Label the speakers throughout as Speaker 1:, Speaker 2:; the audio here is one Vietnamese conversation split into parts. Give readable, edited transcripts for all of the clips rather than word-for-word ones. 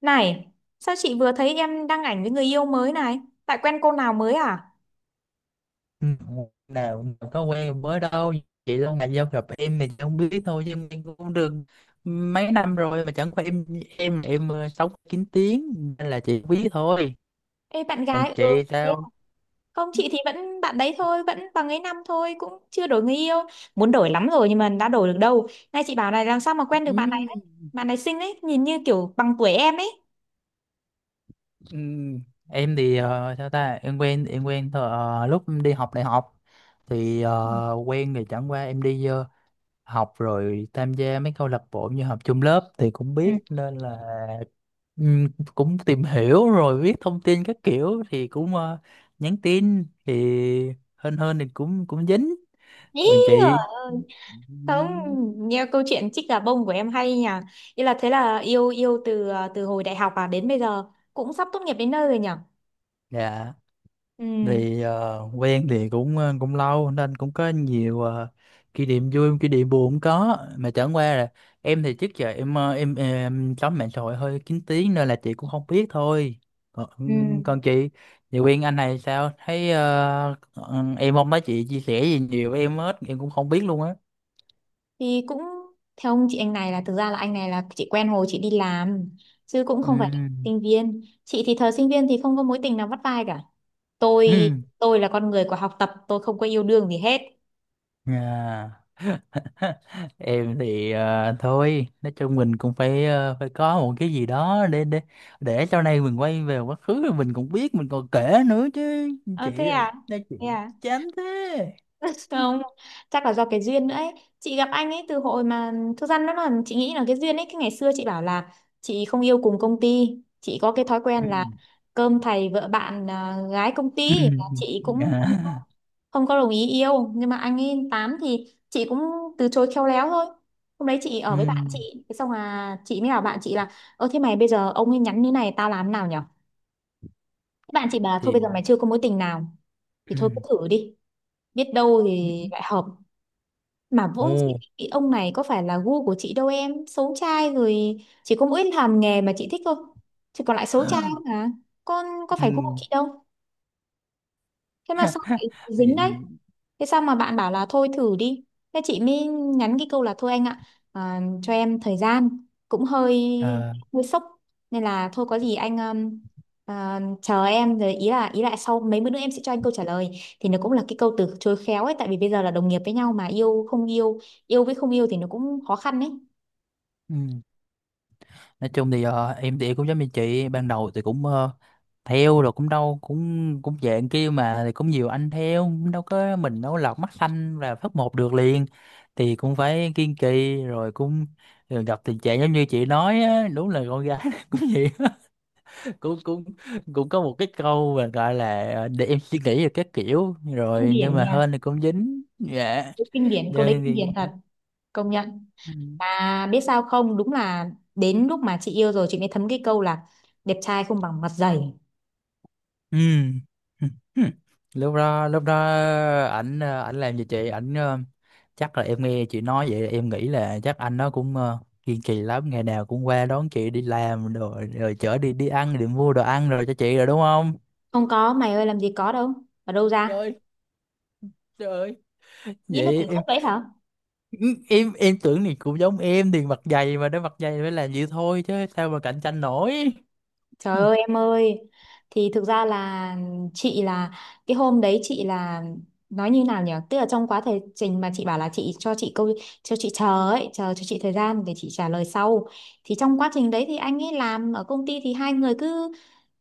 Speaker 1: Này, sao chị vừa thấy em đăng ảnh với người yêu mới này? Tại quen cô nào mới à?
Speaker 2: Ừ, nào nào có quen mới đâu. Chị lâu ngày giao gặp em thì chị không biết thôi, chứ em cũng được mấy năm rồi, mà chẳng qua em sống kín tiếng nên là chị biết thôi.
Speaker 1: Ê bạn
Speaker 2: Còn
Speaker 1: gái, ừ,
Speaker 2: chị
Speaker 1: thế
Speaker 2: sao?
Speaker 1: à? Không, chị thì vẫn bạn đấy thôi, vẫn bằng ấy năm thôi, cũng chưa đổi người yêu. Muốn đổi lắm rồi nhưng mà đã đổi được đâu. Nay chị bảo này làm sao mà quen được bạn này
Speaker 2: Ừ.
Speaker 1: đấy. Bạn này xinh ấy, nhìn như kiểu bằng tuổi em ấy.
Speaker 2: ừ, em thì sao ta, em quen lúc em đi học đại học thì quen, thì chẳng qua em đi học rồi tham gia mấy câu lạc bộ, như học chung lớp thì cũng
Speaker 1: Ừ.
Speaker 2: biết, nên là ừm, cũng tìm hiểu rồi biết thông tin các kiểu, thì cũng nhắn tin thì hên hên thì cũng cũng dính.
Speaker 1: Ý
Speaker 2: Còn
Speaker 1: giời
Speaker 2: chị?
Speaker 1: ơi. Không,
Speaker 2: ừm,
Speaker 1: nghe câu chuyện chích gà bông của em hay nhỉ. Ý là thế là yêu yêu từ hồi đại học à đến bây giờ cũng sắp tốt nghiệp đến nơi rồi nhỉ.
Speaker 2: dạ,
Speaker 1: Ừ.
Speaker 2: thì quen thì cũng cũng lâu nên cũng có nhiều kỷ niệm vui, kỷ niệm buồn cũng có, mà chẳng qua là em thì trước giờ em chấm mạng xã hội hơi kín tiếng nên là chị cũng không biết thôi. còn,
Speaker 1: Ừ.
Speaker 2: còn chị chị quen anh này, sao thấy em không thấy chị chia sẻ gì nhiều với em hết, em cũng không biết luôn á.
Speaker 1: Thì cũng theo ông chị anh này là thực ra là anh này là chị quen hồi chị đi làm chứ cũng không phải là
Speaker 2: Ừ.
Speaker 1: sinh viên. Chị thì thời sinh viên thì không có mối tình nào vắt vai cả. Tôi
Speaker 2: Ừ.
Speaker 1: tôi là con người của học tập, tôi không có yêu đương gì hết.
Speaker 2: À. Em thì thôi, nói chung mình cũng phải phải có một cái gì đó để để sau này mình quay về quá khứ rồi mình cũng biết, mình còn kể nữa chứ.
Speaker 1: Ờ thế
Speaker 2: Chị
Speaker 1: à?
Speaker 2: nói, chị
Speaker 1: Thế à?
Speaker 2: chán thế.
Speaker 1: Không, chắc là do cái duyên nữa ấy, chị gặp anh ấy từ hồi mà, thực ra nó là chị nghĩ là cái duyên ấy, cái ngày xưa chị bảo là chị không yêu cùng công ty, chị có cái thói
Speaker 2: Ừ.
Speaker 1: quen là cơm thầy vợ bạn à, gái công
Speaker 2: Ừ.
Speaker 1: ty là chị cũng không có
Speaker 2: À.
Speaker 1: không có đồng ý yêu, nhưng mà anh ấy tám thì chị cũng từ chối khéo léo thôi. Hôm đấy chị
Speaker 2: Ừ.
Speaker 1: ở với bạn chị, thế xong là chị mới bảo bạn chị là, ơ thế mày bây giờ ông ấy nhắn như này tao làm thế nào nhở? Thế bạn chị bảo thôi bây
Speaker 2: Thì
Speaker 1: giờ mày chưa có mối tình nào thì thôi cứ
Speaker 2: ừ.
Speaker 1: thử đi, biết đâu thì lại hợp, mà
Speaker 2: Ồ.
Speaker 1: vốn dĩ cái ông này có phải là gu của chị đâu em. Xấu trai rồi. Chỉ có mỗi làm nghề mà chị thích thôi. Chứ còn lại xấu trai không à. Con có
Speaker 2: Ừ.
Speaker 1: phải gu của chị đâu. Thế mà sao lại dính đấy?
Speaker 2: Nhưng
Speaker 1: Thế sao mà bạn bảo là thôi thử đi? Thế chị mới nhắn cái câu là thôi anh ạ, cho em thời gian cũng hơi
Speaker 2: ờ,
Speaker 1: hơi sốc, nên là thôi có gì anh chờ em, rồi ý là sau mấy bữa nữa em sẽ cho anh câu trả lời, thì nó cũng là cái câu từ chối khéo ấy, tại vì bây giờ là đồng nghiệp với nhau mà yêu không yêu, yêu với không yêu thì nó cũng khó khăn ấy.
Speaker 2: ừ. Nói chung thì em thì cũng giống như chị, ban đầu thì cũng theo rồi cũng đâu, cũng cũng dạng kia mà, thì cũng nhiều anh theo, cũng đâu có mình, đâu có lọt mắt xanh là phát một được liền, thì cũng phải kiên trì, rồi cũng rồi gặp tình trạng giống như chị nói á, đúng là con gái cũng vậy á. Cũng cũng cũng có một cái câu mà gọi là để em suy nghĩ về các kiểu
Speaker 1: Kinh
Speaker 2: rồi, nhưng
Speaker 1: điển
Speaker 2: mà
Speaker 1: nha,
Speaker 2: hên thì cũng dính. Dạ.
Speaker 1: kinh điển câu đấy,
Speaker 2: Nhưng
Speaker 1: kinh điển
Speaker 2: thì
Speaker 1: thật, công nhận.
Speaker 2: ừ.
Speaker 1: Mà biết sao không, đúng là đến lúc mà chị yêu rồi chị mới thấm cái câu là đẹp trai không bằng mặt dày.
Speaker 2: Ừ. Ừ. Ừ. Lúc đó ảnh ảnh làm gì chị, ảnh chắc là em nghe chị nói vậy, em nghĩ là chắc anh nó cũng kiên trì lắm, ngày nào cũng qua đón chị đi làm, rồi rồi chở đi, đi ăn, đi mua đồ ăn rồi cho chị rồi, đúng không?
Speaker 1: Không có, mày ơi làm gì có đâu. Ở đâu
Speaker 2: Trời
Speaker 1: ra?
Speaker 2: ơi, trời ơi.
Speaker 1: Nghĩ là
Speaker 2: Vậy
Speaker 1: tưởng
Speaker 2: em
Speaker 1: chất đấy hả?
Speaker 2: ừ, em tưởng thì cũng giống em, thì mặt dày mà, nó mặt dày phải làm vậy thôi, chứ sao mà cạnh tranh nổi. Ừ.
Speaker 1: Trời ơi em ơi. Thì thực ra là chị là, cái hôm đấy chị là, nói như nào nhỉ, tức là trong quá thời trình mà chị bảo là chị cho chị câu, cho chị chờ ấy, chờ cho chị thời gian để chị trả lời sau, thì trong quá trình đấy thì anh ấy làm ở công ty, thì hai người cứ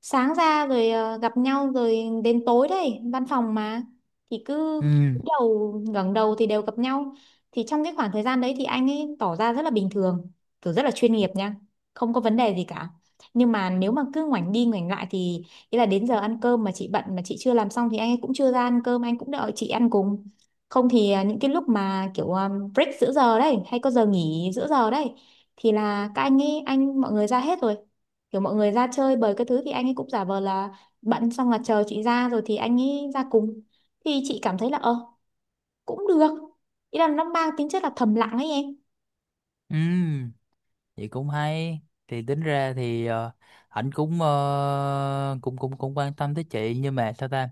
Speaker 1: sáng ra rồi gặp nhau, rồi đến tối đấy, văn phòng mà, thì cứ
Speaker 2: Ừ.
Speaker 1: cúi đầu ngẩng đầu thì đều gặp nhau. Thì trong cái khoảng thời gian đấy thì anh ấy tỏ ra rất là bình thường, kiểu rất là chuyên nghiệp nha, không có vấn đề gì cả, nhưng mà nếu mà cứ ngoảnh đi ngoảnh lại thì, ý là đến giờ ăn cơm mà chị bận mà chị chưa làm xong thì anh ấy cũng chưa ra ăn cơm, anh cũng đợi chị ăn cùng, không thì những cái lúc mà kiểu break giữa giờ đấy, hay có giờ nghỉ giữa giờ đấy thì là các anh ấy anh mọi người ra hết rồi, kiểu mọi người ra chơi bời cái thứ thì anh ấy cũng giả vờ là bận, xong là chờ chị ra rồi thì anh ấy ra cùng, thì chị cảm thấy là cũng được, ý là nó mang tính chất là thầm lặng ấy em.
Speaker 2: Ừ. Vậy cũng hay, thì tính ra thì ảnh cũng cũng quan tâm tới chị, nhưng mà sao ta,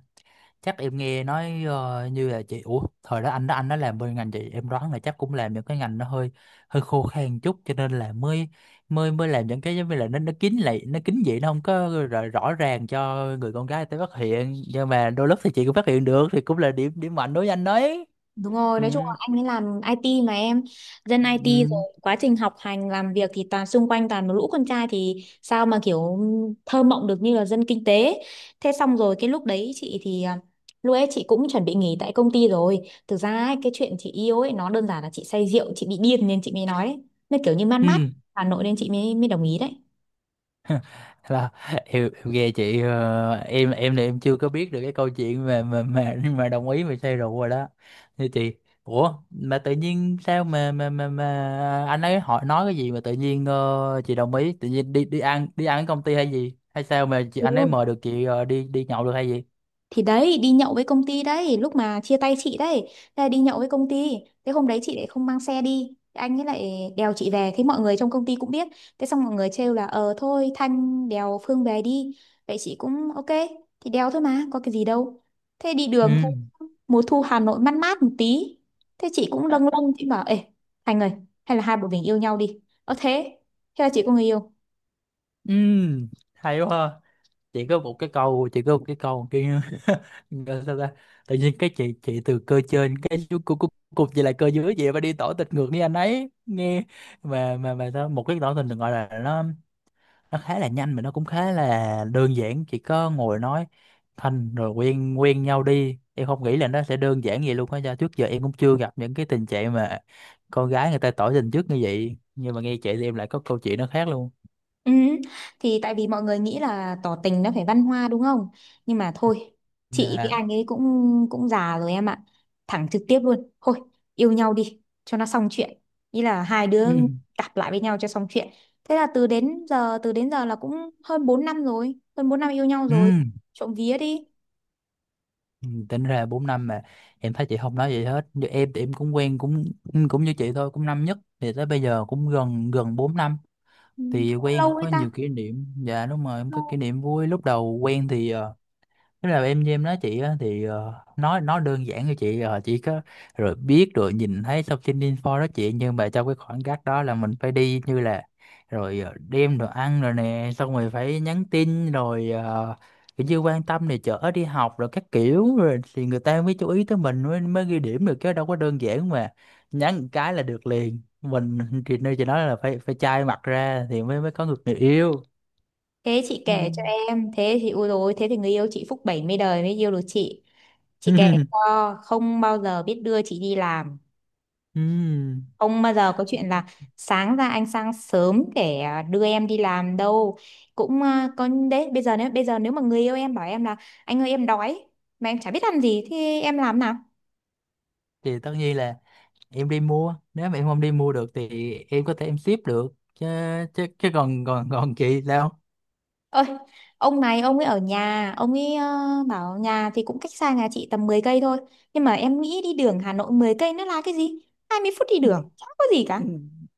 Speaker 2: chắc em nghe nói như là chị, ủa thời đó anh đó, anh đó làm bên ngành chị, em đoán là chắc cũng làm những cái ngành nó hơi hơi khô khan chút, cho nên là mới mới mới làm những cái giống như là nó kín lại, nó kín vậy, nó không có rõ, rõ ràng cho người con gái tới phát hiện, nhưng mà đôi lúc thì chị cũng phát hiện được, thì cũng là điểm điểm mạnh đối với anh đấy.
Speaker 1: Đúng rồi,
Speaker 2: Ừ.
Speaker 1: nói chung là anh ấy làm IT mà em, dân IT rồi
Speaker 2: Ừ.
Speaker 1: quá trình học hành làm việc thì toàn xung quanh toàn một lũ con trai thì sao mà kiểu thơ mộng được như là dân kinh tế. Thế xong rồi cái lúc đấy lúc ấy chị cũng chuẩn bị nghỉ tại công ty rồi. Thực ra ấy, cái chuyện chị yêu ấy nó đơn giản là chị say rượu chị bị điên nên chị mới nói đấy. Nó kiểu như man
Speaker 2: Ừ
Speaker 1: mát Hà Nội nên chị mới mới đồng ý đấy.
Speaker 2: là em nghe chị em thì em chưa có biết được cái câu chuyện mà mà đồng ý mà say rượu rồi đó, như chị. Ủa mà tự nhiên sao mà mà anh ấy hỏi nói cái gì mà tự nhiên chị đồng ý tự nhiên, đi đi ăn, đi ăn ở công ty hay gì, hay sao mà chị,
Speaker 1: Ừ,
Speaker 2: anh ấy mời được chị đi đi nhậu được hay gì?
Speaker 1: thì đấy đi nhậu với công ty đấy, lúc mà chia tay chị đấy, thế là đi nhậu với công ty, thế hôm đấy chị lại không mang xe đi, thế anh ấy lại đèo chị về, thế mọi người trong công ty cũng biết, thế xong mọi người trêu là ờ thôi Thanh đèo Phương về đi, vậy chị cũng ok, thì đèo thôi mà có cái gì đâu, thế đi
Speaker 2: Ừ.
Speaker 1: đường thu, mùa thu Hà Nội mát mát một tí, thế chị cũng lâng lâng, chị bảo ê Thành ơi, hay là hai bọn mình yêu nhau đi. Ờ thế Thế là chị có người yêu.
Speaker 2: Ừ. Hay quá ha. Chỉ có một cái câu, chỉ có một cái câu kia. Gọi sao ta, tự nhiên cái chị từ cơ trên cái chú cục gì là cơ dưới vậy, mà đi tỏ tình ngược, đi anh ấy nghe, mà sao một cái tỏ tình được, gọi là nó khá là nhanh, mà nó cũng khá là đơn giản, chỉ có ngồi nói thành rồi quen quen nhau đi. Em không nghĩ là nó sẽ đơn giản vậy luôn á, do trước giờ em cũng chưa gặp những cái tình trạng mà con gái người ta tỏ tình trước như vậy, nhưng mà nghe chị thì em lại có câu chuyện nó khác luôn.
Speaker 1: Ừ, thì tại vì mọi người nghĩ là tỏ tình nó phải văn hoa đúng không? Nhưng mà thôi, chị với
Speaker 2: Dạ.
Speaker 1: anh ấy cũng cũng già rồi em ạ. Thẳng trực tiếp luôn. Thôi, yêu nhau đi cho nó xong chuyện. Ý là hai đứa
Speaker 2: Ừ.
Speaker 1: cặp lại với nhau cho xong chuyện. Thế là từ đến giờ, là cũng hơn 4 năm rồi, hơn 4 năm yêu nhau
Speaker 2: Ừ.
Speaker 1: rồi. Trộm vía đi.
Speaker 2: Ừ, tính ra 4 năm mà em thấy chị không nói gì hết, như em thì em cũng quen cũng ừ, cũng như chị thôi, cũng năm nhất thì tới bây giờ cũng gần gần 4 năm,
Speaker 1: Ừ,
Speaker 2: thì
Speaker 1: cũng
Speaker 2: quen cũng
Speaker 1: lâu đấy
Speaker 2: có
Speaker 1: ta.
Speaker 2: nhiều kỷ niệm. Dạ, đúng rồi, em có kỷ
Speaker 1: Lâu.
Speaker 2: niệm vui lúc đầu quen thì thế là em với em nói chị á, thì nói đơn giản cho chị chỉ có rồi biết, rồi nhìn thấy thông tin info đó chị, nhưng mà trong cái khoảng cách đó là mình phải đi như là, rồi đem đồ ăn rồi nè, xong rồi phải nhắn tin rồi kiểu như quan tâm này, chở đi học rồi các kiểu, rồi thì người ta mới chú ý tới mình, mới mới ghi điểm được, chứ đâu có đơn giản mà nhắn một cái là được liền mình. Thì nơi chị nói là phải phải chai mặt ra thì mới mới có được người yêu.
Speaker 1: Thế chị
Speaker 2: Ừ.
Speaker 1: kể cho em, thế thì ui rồi, thế thì người yêu chị phúc 70 đời mới yêu được chị. Chị kể cho, không bao giờ biết đưa chị đi làm.
Speaker 2: Ừ.
Speaker 1: Không bao giờ có chuyện là sáng ra anh sang sớm để đưa em đi làm đâu. Có đấy, bây giờ nếu mà người yêu em bảo em là anh ơi em đói, mà em chả biết ăn gì thì em làm nào?
Speaker 2: Thì tất nhiên là em đi mua, nếu mà em không đi mua được thì em có thể em ship được chứ. Chứ còn còn còn chị sao?
Speaker 1: Ơi, ông này ông ấy ở nhà, ông ấy bảo nhà thì cũng cách xa nhà chị tầm 10 cây thôi. Nhưng mà em nghĩ đi đường Hà Nội 10 cây nó là cái gì? 20 phút đi
Speaker 2: Ừ.
Speaker 1: đường, chả có gì cả.
Speaker 2: Ừ.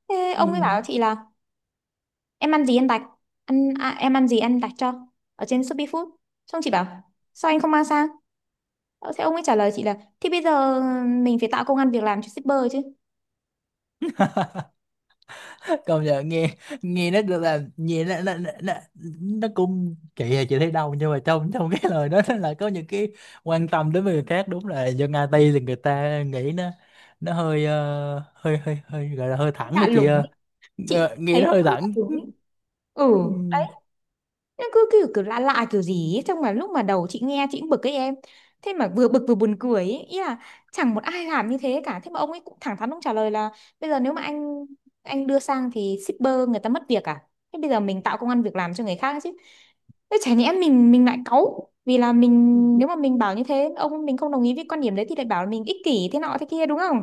Speaker 1: Thế
Speaker 2: Ừ.
Speaker 1: ông ấy bảo chị là em ăn gì ăn đặt, em ăn gì ăn đặt cho, ở trên Shopee Food. Xong chị bảo sao anh không mang sang? Thế ông ấy trả lời chị là, thì bây giờ mình phải tạo công ăn việc làm cho shipper chứ.
Speaker 2: Công nhận, nghe nghe nó được, là nghe nó, nó cũng kỳ, là chị thấy đâu, nhưng mà trong trong cái lời đó nó là có những cái quan tâm đến người khác. Đúng là dân IT thì người ta nghĩ nó hơi hơi gọi là hơi thẳng đó
Speaker 1: Lạ
Speaker 2: chị
Speaker 1: lùng
Speaker 2: ơi.
Speaker 1: ấy.
Speaker 2: Ờ,
Speaker 1: Chị
Speaker 2: nghe
Speaker 1: thấy
Speaker 2: nó
Speaker 1: nó
Speaker 2: hơi
Speaker 1: không lạ
Speaker 2: thẳng.
Speaker 1: lùng ấy. Ừ.
Speaker 2: Ừ.
Speaker 1: Đấy, nó cứ kiểu kiểu lạ lạ kiểu gì ấy. Trong mà lúc mà đầu chị nghe chị cũng bực ấy em, thế mà vừa bực vừa buồn cười ấy. Ý là chẳng một ai làm như thế cả, thế mà ông ấy cũng thẳng thắn ông trả lời là, bây giờ nếu mà anh đưa sang thì shipper người ta mất việc à, thế bây giờ mình tạo công ăn việc làm cho người khác chứ, thế chả nhẽ mình lại cáu vì là mình, nếu mà mình bảo như thế ông mình không đồng ý với quan điểm đấy thì lại bảo là mình ích kỷ thế nọ thế kia đúng không.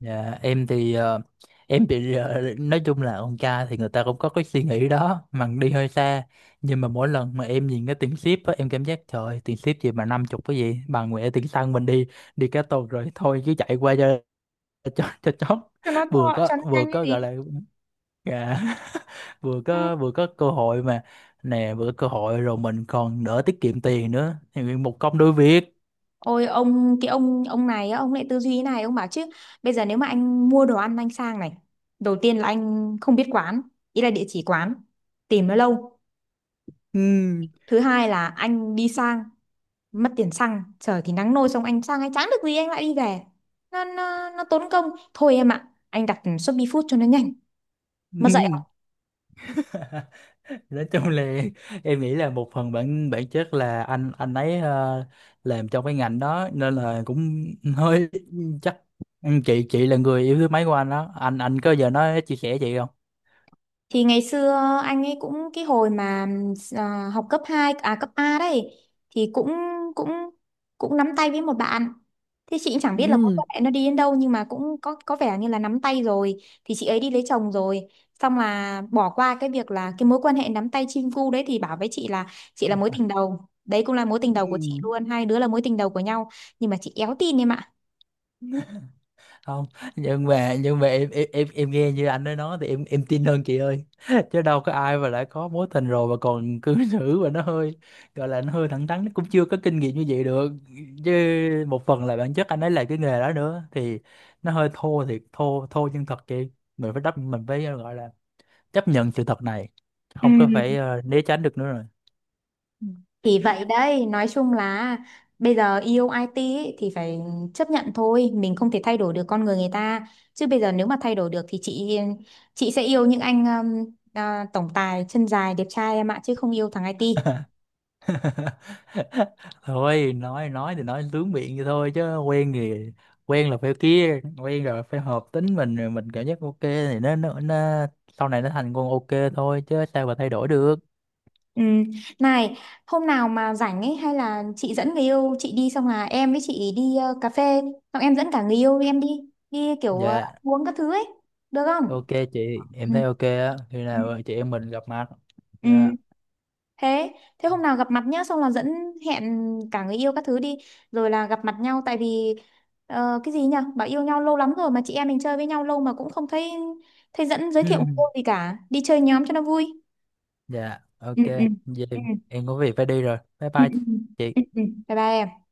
Speaker 2: Dạ, em thì em bị nói chung là con trai thì người ta cũng có cái suy nghĩ đó mà đi hơi xa, nhưng mà mỗi lần mà em nhìn cái tiền ship á em cảm giác trời ơi, tiền ship gì mà 50, cái gì bà nguyện, tiền xăng mình đi, đi cả tuần rồi, thôi chứ chạy qua cho cho chót,
Speaker 1: Cho nó to,
Speaker 2: vừa có
Speaker 1: cho nó
Speaker 2: vừa
Speaker 1: nhanh cái
Speaker 2: có gọi
Speaker 1: gì.
Speaker 2: là dạ, vừa
Speaker 1: Ừ.
Speaker 2: có vừa có cơ hội mà, nè vừa có cơ hội rồi mình còn đỡ tiết kiệm tiền nữa, thì một công đôi việc.
Speaker 1: Ôi ông cái ông này á, ông lại tư duy thế này, ông bảo chứ bây giờ nếu mà anh mua đồ ăn anh sang này, đầu tiên là anh không biết quán, ý là địa chỉ quán, tìm nó lâu,
Speaker 2: Ừ.
Speaker 1: thứ hai là anh đi sang mất tiền xăng, trời thì nắng nôi, xong anh sang anh chẳng được gì anh lại đi về, nó tốn công, thôi em ạ anh đặt Shopee Food cho nó nhanh mà dậy.
Speaker 2: Nói chung là em nghĩ là một phần bản bản chất là anh ấy làm trong cái ngành đó nên là cũng hơi, chắc, chị là người yêu thứ mấy của anh đó, anh có giờ nói chia sẻ chị không?
Speaker 1: Thì ngày xưa anh ấy cũng cái hồi mà học cấp 2 à cấp A đấy thì cũng cũng cũng nắm tay với một bạn. Thế chị cũng chẳng biết là mối
Speaker 2: Ừ.
Speaker 1: quan hệ nó đi đến đâu nhưng mà cũng có vẻ như là nắm tay rồi thì chị ấy đi lấy chồng rồi. Xong là bỏ qua cái việc là cái mối quan hệ nắm tay chim cu đấy thì bảo với chị là mối tình đầu. Đấy cũng là mối tình
Speaker 2: Ừ.
Speaker 1: đầu của chị luôn, hai đứa là mối tình đầu của nhau, nhưng mà chị éo tin em ạ.
Speaker 2: Không, nhưng mà em nghe như anh ấy nói thì em tin hơn chị ơi chứ đâu có ai mà đã có mối tình rồi mà còn cư xử, và nó hơi gọi là nó hơi thẳng thắn, nó cũng chưa có kinh nghiệm như vậy được chứ. Một phần là bản chất anh ấy là cái nghề đó nữa, thì nó hơi thô thiệt, thô thô nhưng thật chị. Mình phải đắp, mình phải gọi là chấp nhận sự thật này,
Speaker 1: Ừ.
Speaker 2: không có phải né tránh được nữa rồi.
Speaker 1: Thì vậy đấy, nói chung là bây giờ yêu IT ấy, thì phải chấp nhận thôi, mình không thể thay đổi được con người người ta. Chứ bây giờ nếu mà thay đổi được thì chị sẽ yêu những anh tổng tài chân dài đẹp trai em ạ, chứ không yêu thằng IT.
Speaker 2: Thôi, nói thì nói lướng miệng vậy thôi, chứ quen thì quen là phải kia, quen rồi phải hợp tính mình, rồi mình cảm giác ok thì nó sau này nó thành con ok, thôi chứ sao mà thay đổi được.
Speaker 1: Ừ. Này, hôm nào mà rảnh ấy hay là chị dẫn người yêu chị đi, xong là em với chị đi cà phê, xong em dẫn cả người yêu em đi, đi kiểu
Speaker 2: Dạ
Speaker 1: uống các thứ ấy, được không?
Speaker 2: ok chị,
Speaker 1: Ừ.
Speaker 2: em thấy ok á, khi
Speaker 1: Ừ.
Speaker 2: nào chị em mình gặp mặt.
Speaker 1: Ừ.
Speaker 2: Dạ.
Speaker 1: Thế hôm nào gặp mặt nhá, xong là dẫn, hẹn cả người yêu các thứ đi, rồi là gặp mặt nhau, tại vì cái gì nhỉ? Bảo yêu nhau lâu lắm rồi mà chị em mình chơi với nhau lâu mà cũng không thấy thấy dẫn giới thiệu cô gì cả. Đi chơi nhóm cho nó vui.
Speaker 2: Dạ
Speaker 1: Ừ,
Speaker 2: ok.
Speaker 1: ừ.
Speaker 2: Vậy
Speaker 1: Ừ, ừ.
Speaker 2: em có việc phải đi rồi, bye
Speaker 1: Ừ,
Speaker 2: bye
Speaker 1: ừ.
Speaker 2: chị.
Speaker 1: Ừ, ừ. Bye bye em.